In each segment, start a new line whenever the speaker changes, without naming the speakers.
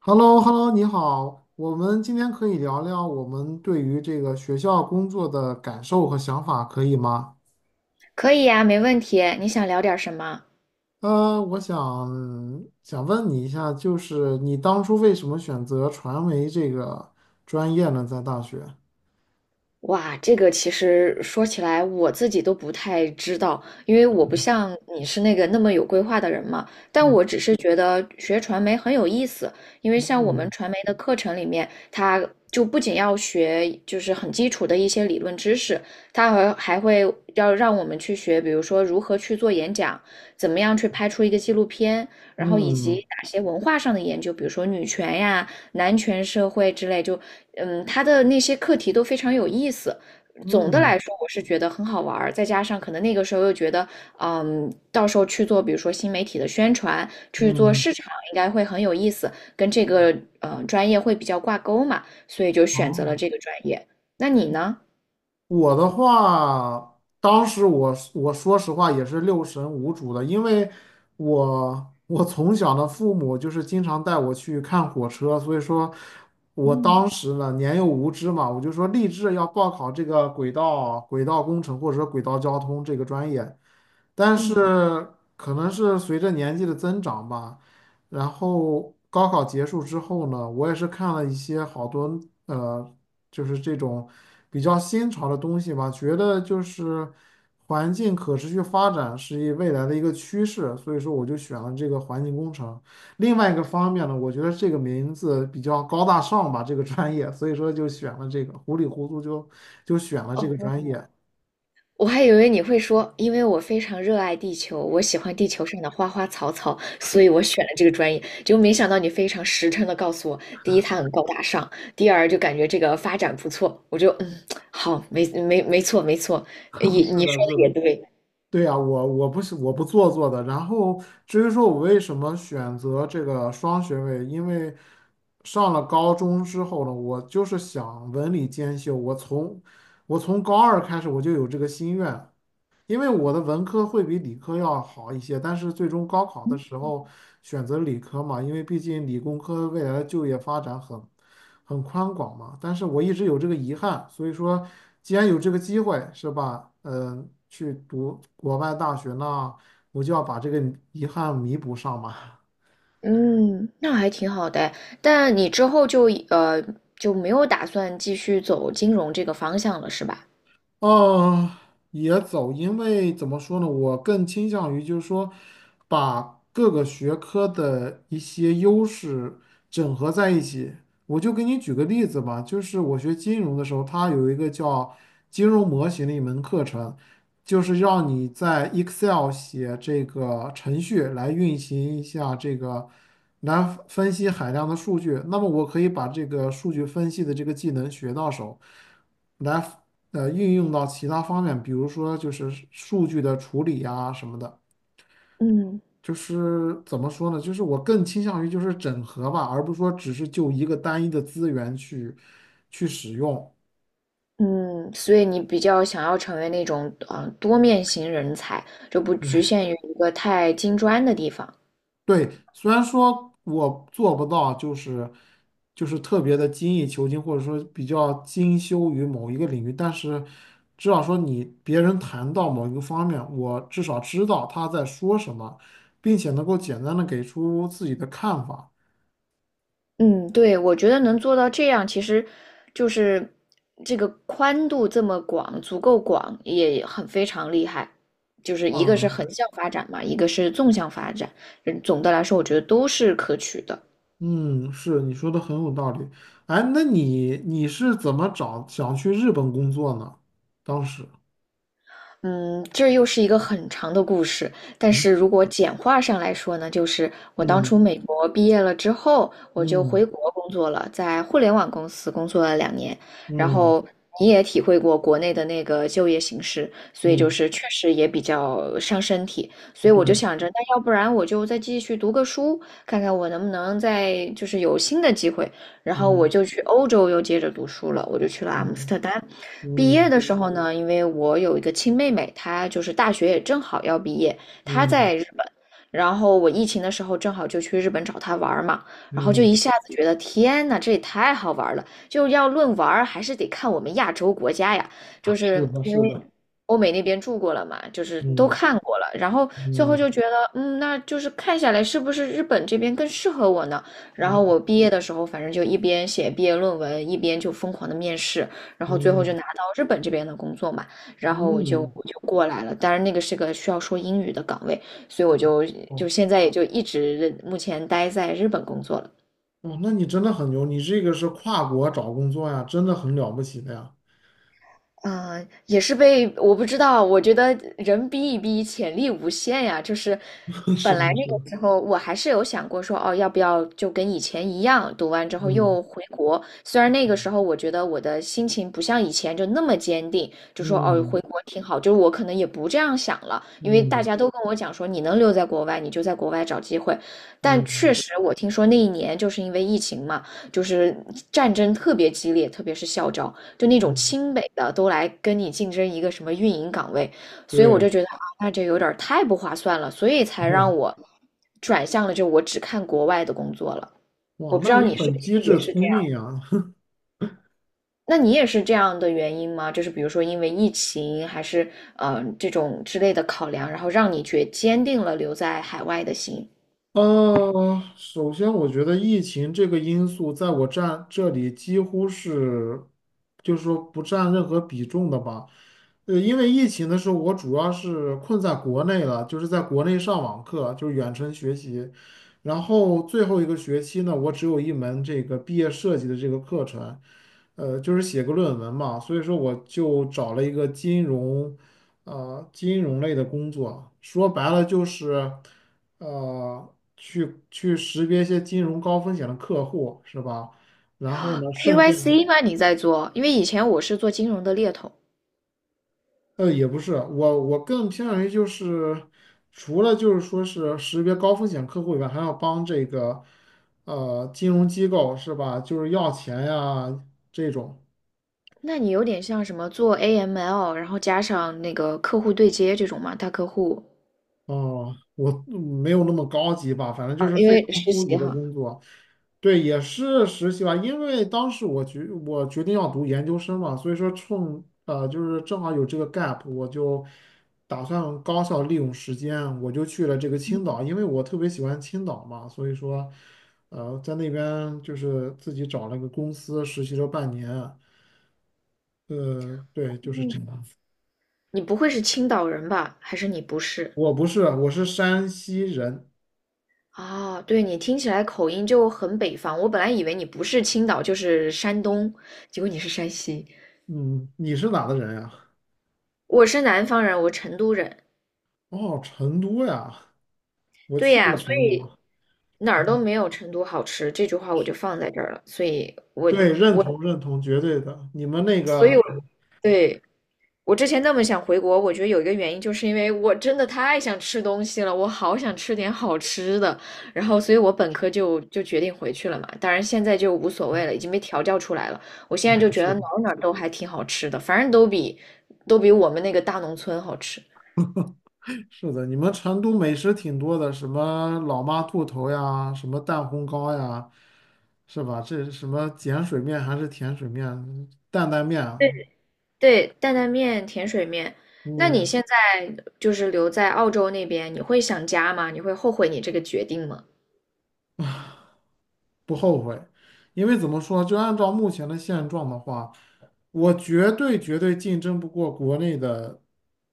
h e l l o h e l l o 你好，我们今天可以聊聊我们对于这个学校工作的感受和想法，可以吗？
可以呀，没问题。你想聊点什么？
我想问你一下，就是你当初为什么选择传媒这个专业呢？在大学？
哇，这个其实说起来我自己都不太知道，因为我不像你是那个那么有规划的人嘛。但
嗯
我只是觉得学传媒很有意思，因为像我们
嗯
传媒的课程里面，它就不仅要学就是很基础的一些理论知识，它还会要让我们去学，比如说如何去做演讲，怎么样去拍出一个纪录片，然后以及
嗯
哪些文化上的研究，比如说女权呀。男权社会之类，就他的那些课题都非常有意思。总的
嗯
来说，我是觉得很好玩儿，再加上可能那个时候又觉得，到时候去做，比如说新媒体的宣传，去做
嗯，
市场，应该会很有意思，跟这个专业会比较挂钩嘛，所以就选择了
哦，
这个专业。那你呢？
我的话，当时我说实话也是六神无主的，因为我从小的父母就是经常带我去看火车，所以说我
嗯。
当时呢年幼无知嘛，我就说立志要报考这个轨道工程或者说轨道交通这个专业，但是
嗯，
可能是随着年纪的增长吧，然后高考结束之后呢，我也是看了一些好多。呃就是这种比较新潮的东西吧，觉得就是环境可持续发展是一未来的一个趋势，所以说我就选了这个环境工程。另外一个方面呢，我觉得这个名字比较高大上吧，这个专业，所以说就选了这个，糊里糊涂就选了这个专
哦，
业。
我还以为你会说，因为我非常热爱地球，我喜欢地球上的花花草草，所以我选了这个专业。就没想到你非常实诚的告诉我，第一，它很高大上；第二，就感觉这个发展不错。我就嗯，好，没错,没错，也
是
你
的，
说
是
的
的。
也对，
对呀，我不是我不做作的。然后至于说我为什么选择这个双学位，因为上了高中之后呢，我就是想文理兼修。我从高二开始我就有这个心愿，因为我的文科会比理科要好一些，但是最终高考的时候选择理科嘛，因为毕竟理工科未来的就业发展很宽广嘛。但是我一直有这个遗憾，所以说既然有这个机会，是吧？嗯、去读国外大学呢，我就要把这个遗憾弥补上嘛。
嗯，那还挺好的。但你之后就就没有打算继续走金融这个方向了，是吧？
嗯，也走，因为怎么说呢，我更倾向于就是说，把各个学科的一些优势整合在一起。我就给你举个例子吧，就是我学金融的时候，它有一个叫金融模型的一门课程，就是让你在 Excel 写这个程序来运行一下这个，来分析海量的数据。那么我可以把这个数据分析的这个技能学到手。来运用到其他方面，比如说就是数据的处理呀什么的。
嗯。
就是怎么说呢？就是我更倾向于就是整合吧，而不是说只是就一个单一的资源去使用。
嗯，所以你比较想要成为那种多面型人才，就不局限于一个太金砖的地方。
对，虽然说我做不到，就是特别的精益求精，或者说比较精修于某一个领域，但是至少说你别人谈到某一个方面，我至少知道他在说什么，并且能够简单的给出自己的看法。
嗯，对，我觉得能做到这样，其实就是这个宽度这么广，足够广，也很非常厉害。就是一个
啊，
是横向发展嘛，一个是纵向发展，嗯总的来说，我觉得都是可取的。
嗯，是你说的很有道理。哎，那你是怎么想去日本工作呢？当时，
嗯，这又是一个很长的故事，但
嗯
是如果简化上来说呢，就是我当初
嗯
美国毕业了之后，我就
嗯
回国工作了，在互联网公司工作了2年，然
嗯
后你也体会过国内的那个就业形势，所以就
嗯，
是确实也比较伤身体，所以我就
对，
想着，那要不然我就再继续读个书，看看我能不能再就是有新的机会，然后我
嗯
就去欧洲又接着读书了，我就去了阿姆斯
嗯
特丹。毕业
嗯
的时候呢，因为我有一个亲妹妹，她就是大学也正好要毕业，她
嗯
在日本，然后我疫情的时候正好就去日本找她玩儿嘛，然后就
嗯，
一下子觉得天呐，这也太好玩了！就要论玩儿还是得看我们亚洲国家呀，就
是
是
的，
因
是
为
的，
欧美那边住过了嘛，就是都
嗯
看过了，然后最后
嗯
就觉得，嗯，那就是看下来是不是日本这边更适合我呢？然后
嗯
我毕业的时候，反正就一边写毕业论文，一边就疯狂的面试。然后最后就
嗯
拿到日本这边的工作嘛，然后我就
嗯，
我就过来了。当然那个是个需要说英语的岗位，所以我就就
哦
现在也就一直目前待在日本工作了。
哦，那你真的很牛，你这个是跨国找工作呀，真的很了不起的呀。
嗯，也是被我不知道，我觉得人逼一逼，潜力无限呀。就是
是
本来
的，是
那
的，
个时候，我还是有想过说，哦，要不要就跟以前一样，读完之后
嗯
又回国。虽然那个时候我觉得我的心情不像以前就那么坚定，就说哦，
嗯
回国挺好。就是我可能也不这样想了，因为大
嗯
家都跟我讲说，你能留在国外，你就在国外找机会。但确
嗯
实，我听说那一年就是因为疫情嘛，就是战争特别激烈，特别是校招。就那种
嗯，
清北的都来跟你竞争一个什么运营岗位，所以我就
对。
觉得啊，那就有点儿太不划算了，所以才让
嘿，
我转向了，就我只看国外的工作了。我
哇，
不知
那
道
你
你是不
很机
是也
智
是这
聪
样，
明呀，
那你也是这样的原因吗？就是比如说因为疫情，还是嗯这种之类的考量，然后让你决坚定了留在海外的心。
首先我觉得疫情这个因素在我占这里几乎是，就是说不占任何比重的吧。因为疫情的时候，我主要是困在国内了，就是在国内上网课，就是远程学习。然后最后一个学期呢，我只有一门这个毕业设计的这个课程，就是写个论文嘛。所以说我就找了一个金融，金融类的工作。说白了就是。去识别一些金融高风险的客户，是吧？然后呢，顺便，
KYC 吗？你在做？因为以前我是做金融的猎头。
也不是，我更偏向于就是，除了就是说是识别高风险客户以外，还要帮这个，金融机构是吧？就是要钱呀这种。
那你有点像什么做 AML,然后加上那个客户对接这种嘛，大客户
哦，我没有那么高级吧，反正就
啊，
是
因
非
为
常
实
初级
习
的
哈。
工作。对，也是实习吧，因为当时我决定要读研究生嘛，所以说就是正好有这个 gap，我就打算高效利用时间，我就去了这个青岛，因为我特别喜欢青岛嘛，所以说在那边就是自己找了个公司实习了半年，对，就是这
嗯，
样。
你不会是青岛人吧？还是你不是？
我不是，我是山西人，
啊，对，你听起来口音就很北方。我本来以为你不是青岛就是山东，结果你是山西。
嗯，你是哪的人呀？
我是南方人，我成都人。
哦，成都呀，我
对
去过
呀，所
成
以
都。
哪儿都没有成都好吃，这句话我就放在这儿了。所以我，
对，认同认同，绝对的。你们那个，
对，我之前那么想回国，我觉得有一个原因，就是因为我真的太想吃东西了，我好想吃点好吃的，然后所以我本科就决定回去了嘛。当然现在就无所谓了，已经被调教出来了。我现
对，
在就觉
是
得
的，
哪儿哪儿都还挺好吃的，反正都比我们那个大农村好吃。
是的，你们成都美食挺多的，什么老妈兔头呀，什么蛋烘糕呀，是吧？这是什么碱水面还是甜水面，担担面啊
对对，担担面、甜水面。那你
嗯，
现在就是留在澳洲那边，你会想家吗？你会后悔你这个决定吗？
不后悔，因为怎么说，就按照目前的现状的话，我绝对绝对竞争不过国内的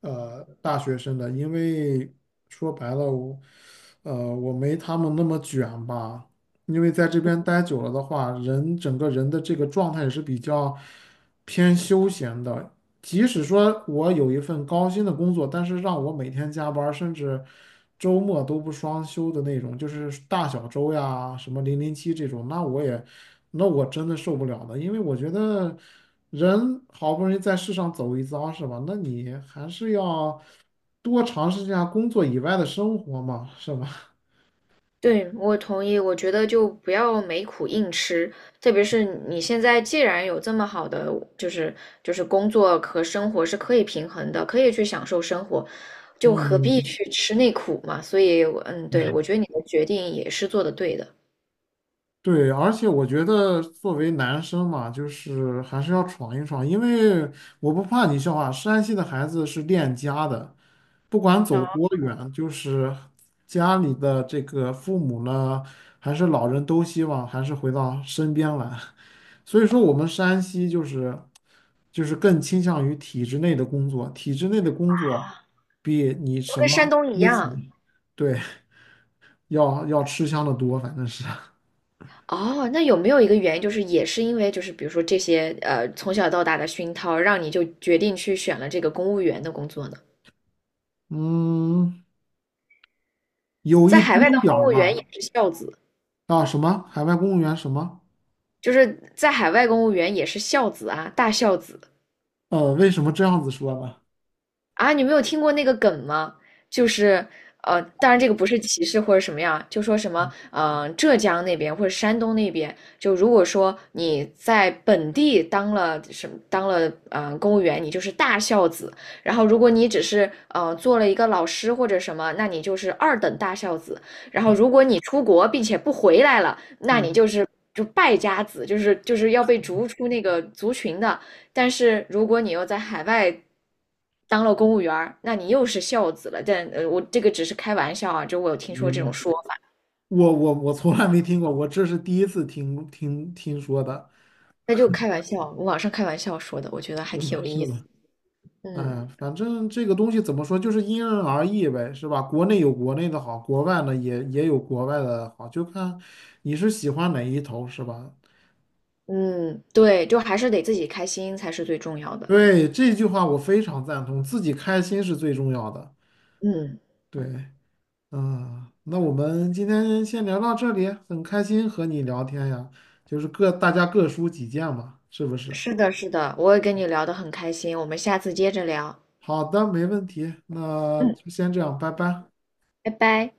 大学生的，因为说白了，我我没他们那么卷吧，因为在这边待久了的话，人整个人的这个状态也是比较偏休闲的，即使说我有一份高薪的工作，但是让我每天加班儿甚至周末都不双休的那种，就是大小周呀，什么零零七这种，那我也，那我真的受不了的，因为我觉得人好不容易在世上走一遭，是吧？那你还是要多尝试一下工作以外的生活嘛，是吧？
对，我同意。我觉得就不要没苦硬吃，特别是你现在既然有这么好的，就是就是工作和生活是可以平衡的，可以去享受生活，就何必
嗯，
去吃那苦嘛？所以我嗯，对，我觉得你的决定也是做的对的。
对，而且我觉得作为男生嘛，就是还是要闯一闯，因为我不怕你笑话，山西的孩子是恋家的，不管走
哦，
多远，就是家里的这个父母呢，还是老人都希望还是回到身边来，所以说我们山西就是更倾向于体制内的工作，体制内的工作比你
就
什
跟
么
山东一
私
样。
企，对，要要吃香的多，反正是，
哦，那有没有一个原因，就是也是因为就是比如说这些从小到大的熏陶，让你就决定去选了这个公务员的工作呢？
嗯。有
在
一
海外当
丁点
公
儿
务员
吧。
也是孝子。
啊，什么海外公务员什么？
就是在海外公务员也是孝子啊，大孝子。
为什么这样子说呢？
啊，你没有听过那个梗吗？就是当然这个不是歧视或者什么样，就说什么浙江那边或者山东那边，就如果说你在本地当了什么当了公务员，你就是大孝子；然后如果你只是做了一个老师或者什么，那你就是二等大孝子；然后如果你出国并且不回来了，那你
嗯，
就是。就败家子，就是要被逐出那个族群的。但是如果你又在海外当了公务员儿，那你又是孝子了。但我这个只是开玩笑啊，就我有听说
明
这种
白。
说法，
我从来没听过，我这是第一次听说的。
那就开玩笑，网上开玩笑说的，我觉得还挺 有
是
意思。
的，
嗯
哎，反正这个东西怎么说，就是因人而异呗，是吧？国内有国内的好，国外呢也有国外的好，就看你是喜欢哪一头，是吧？
嗯，对，就还是得自己开心才是最重要的。
对，这句话我非常赞同，自己开心是最重要的。
嗯，
对。嗯，那我们今天先聊到这里，很开心和你聊天呀，就是大家各抒己见嘛，是不是？
是的，是的，我也跟你聊得很开心，我们下次接着聊。
好的，没问题，那
嗯，
就先这样，拜拜。
拜拜。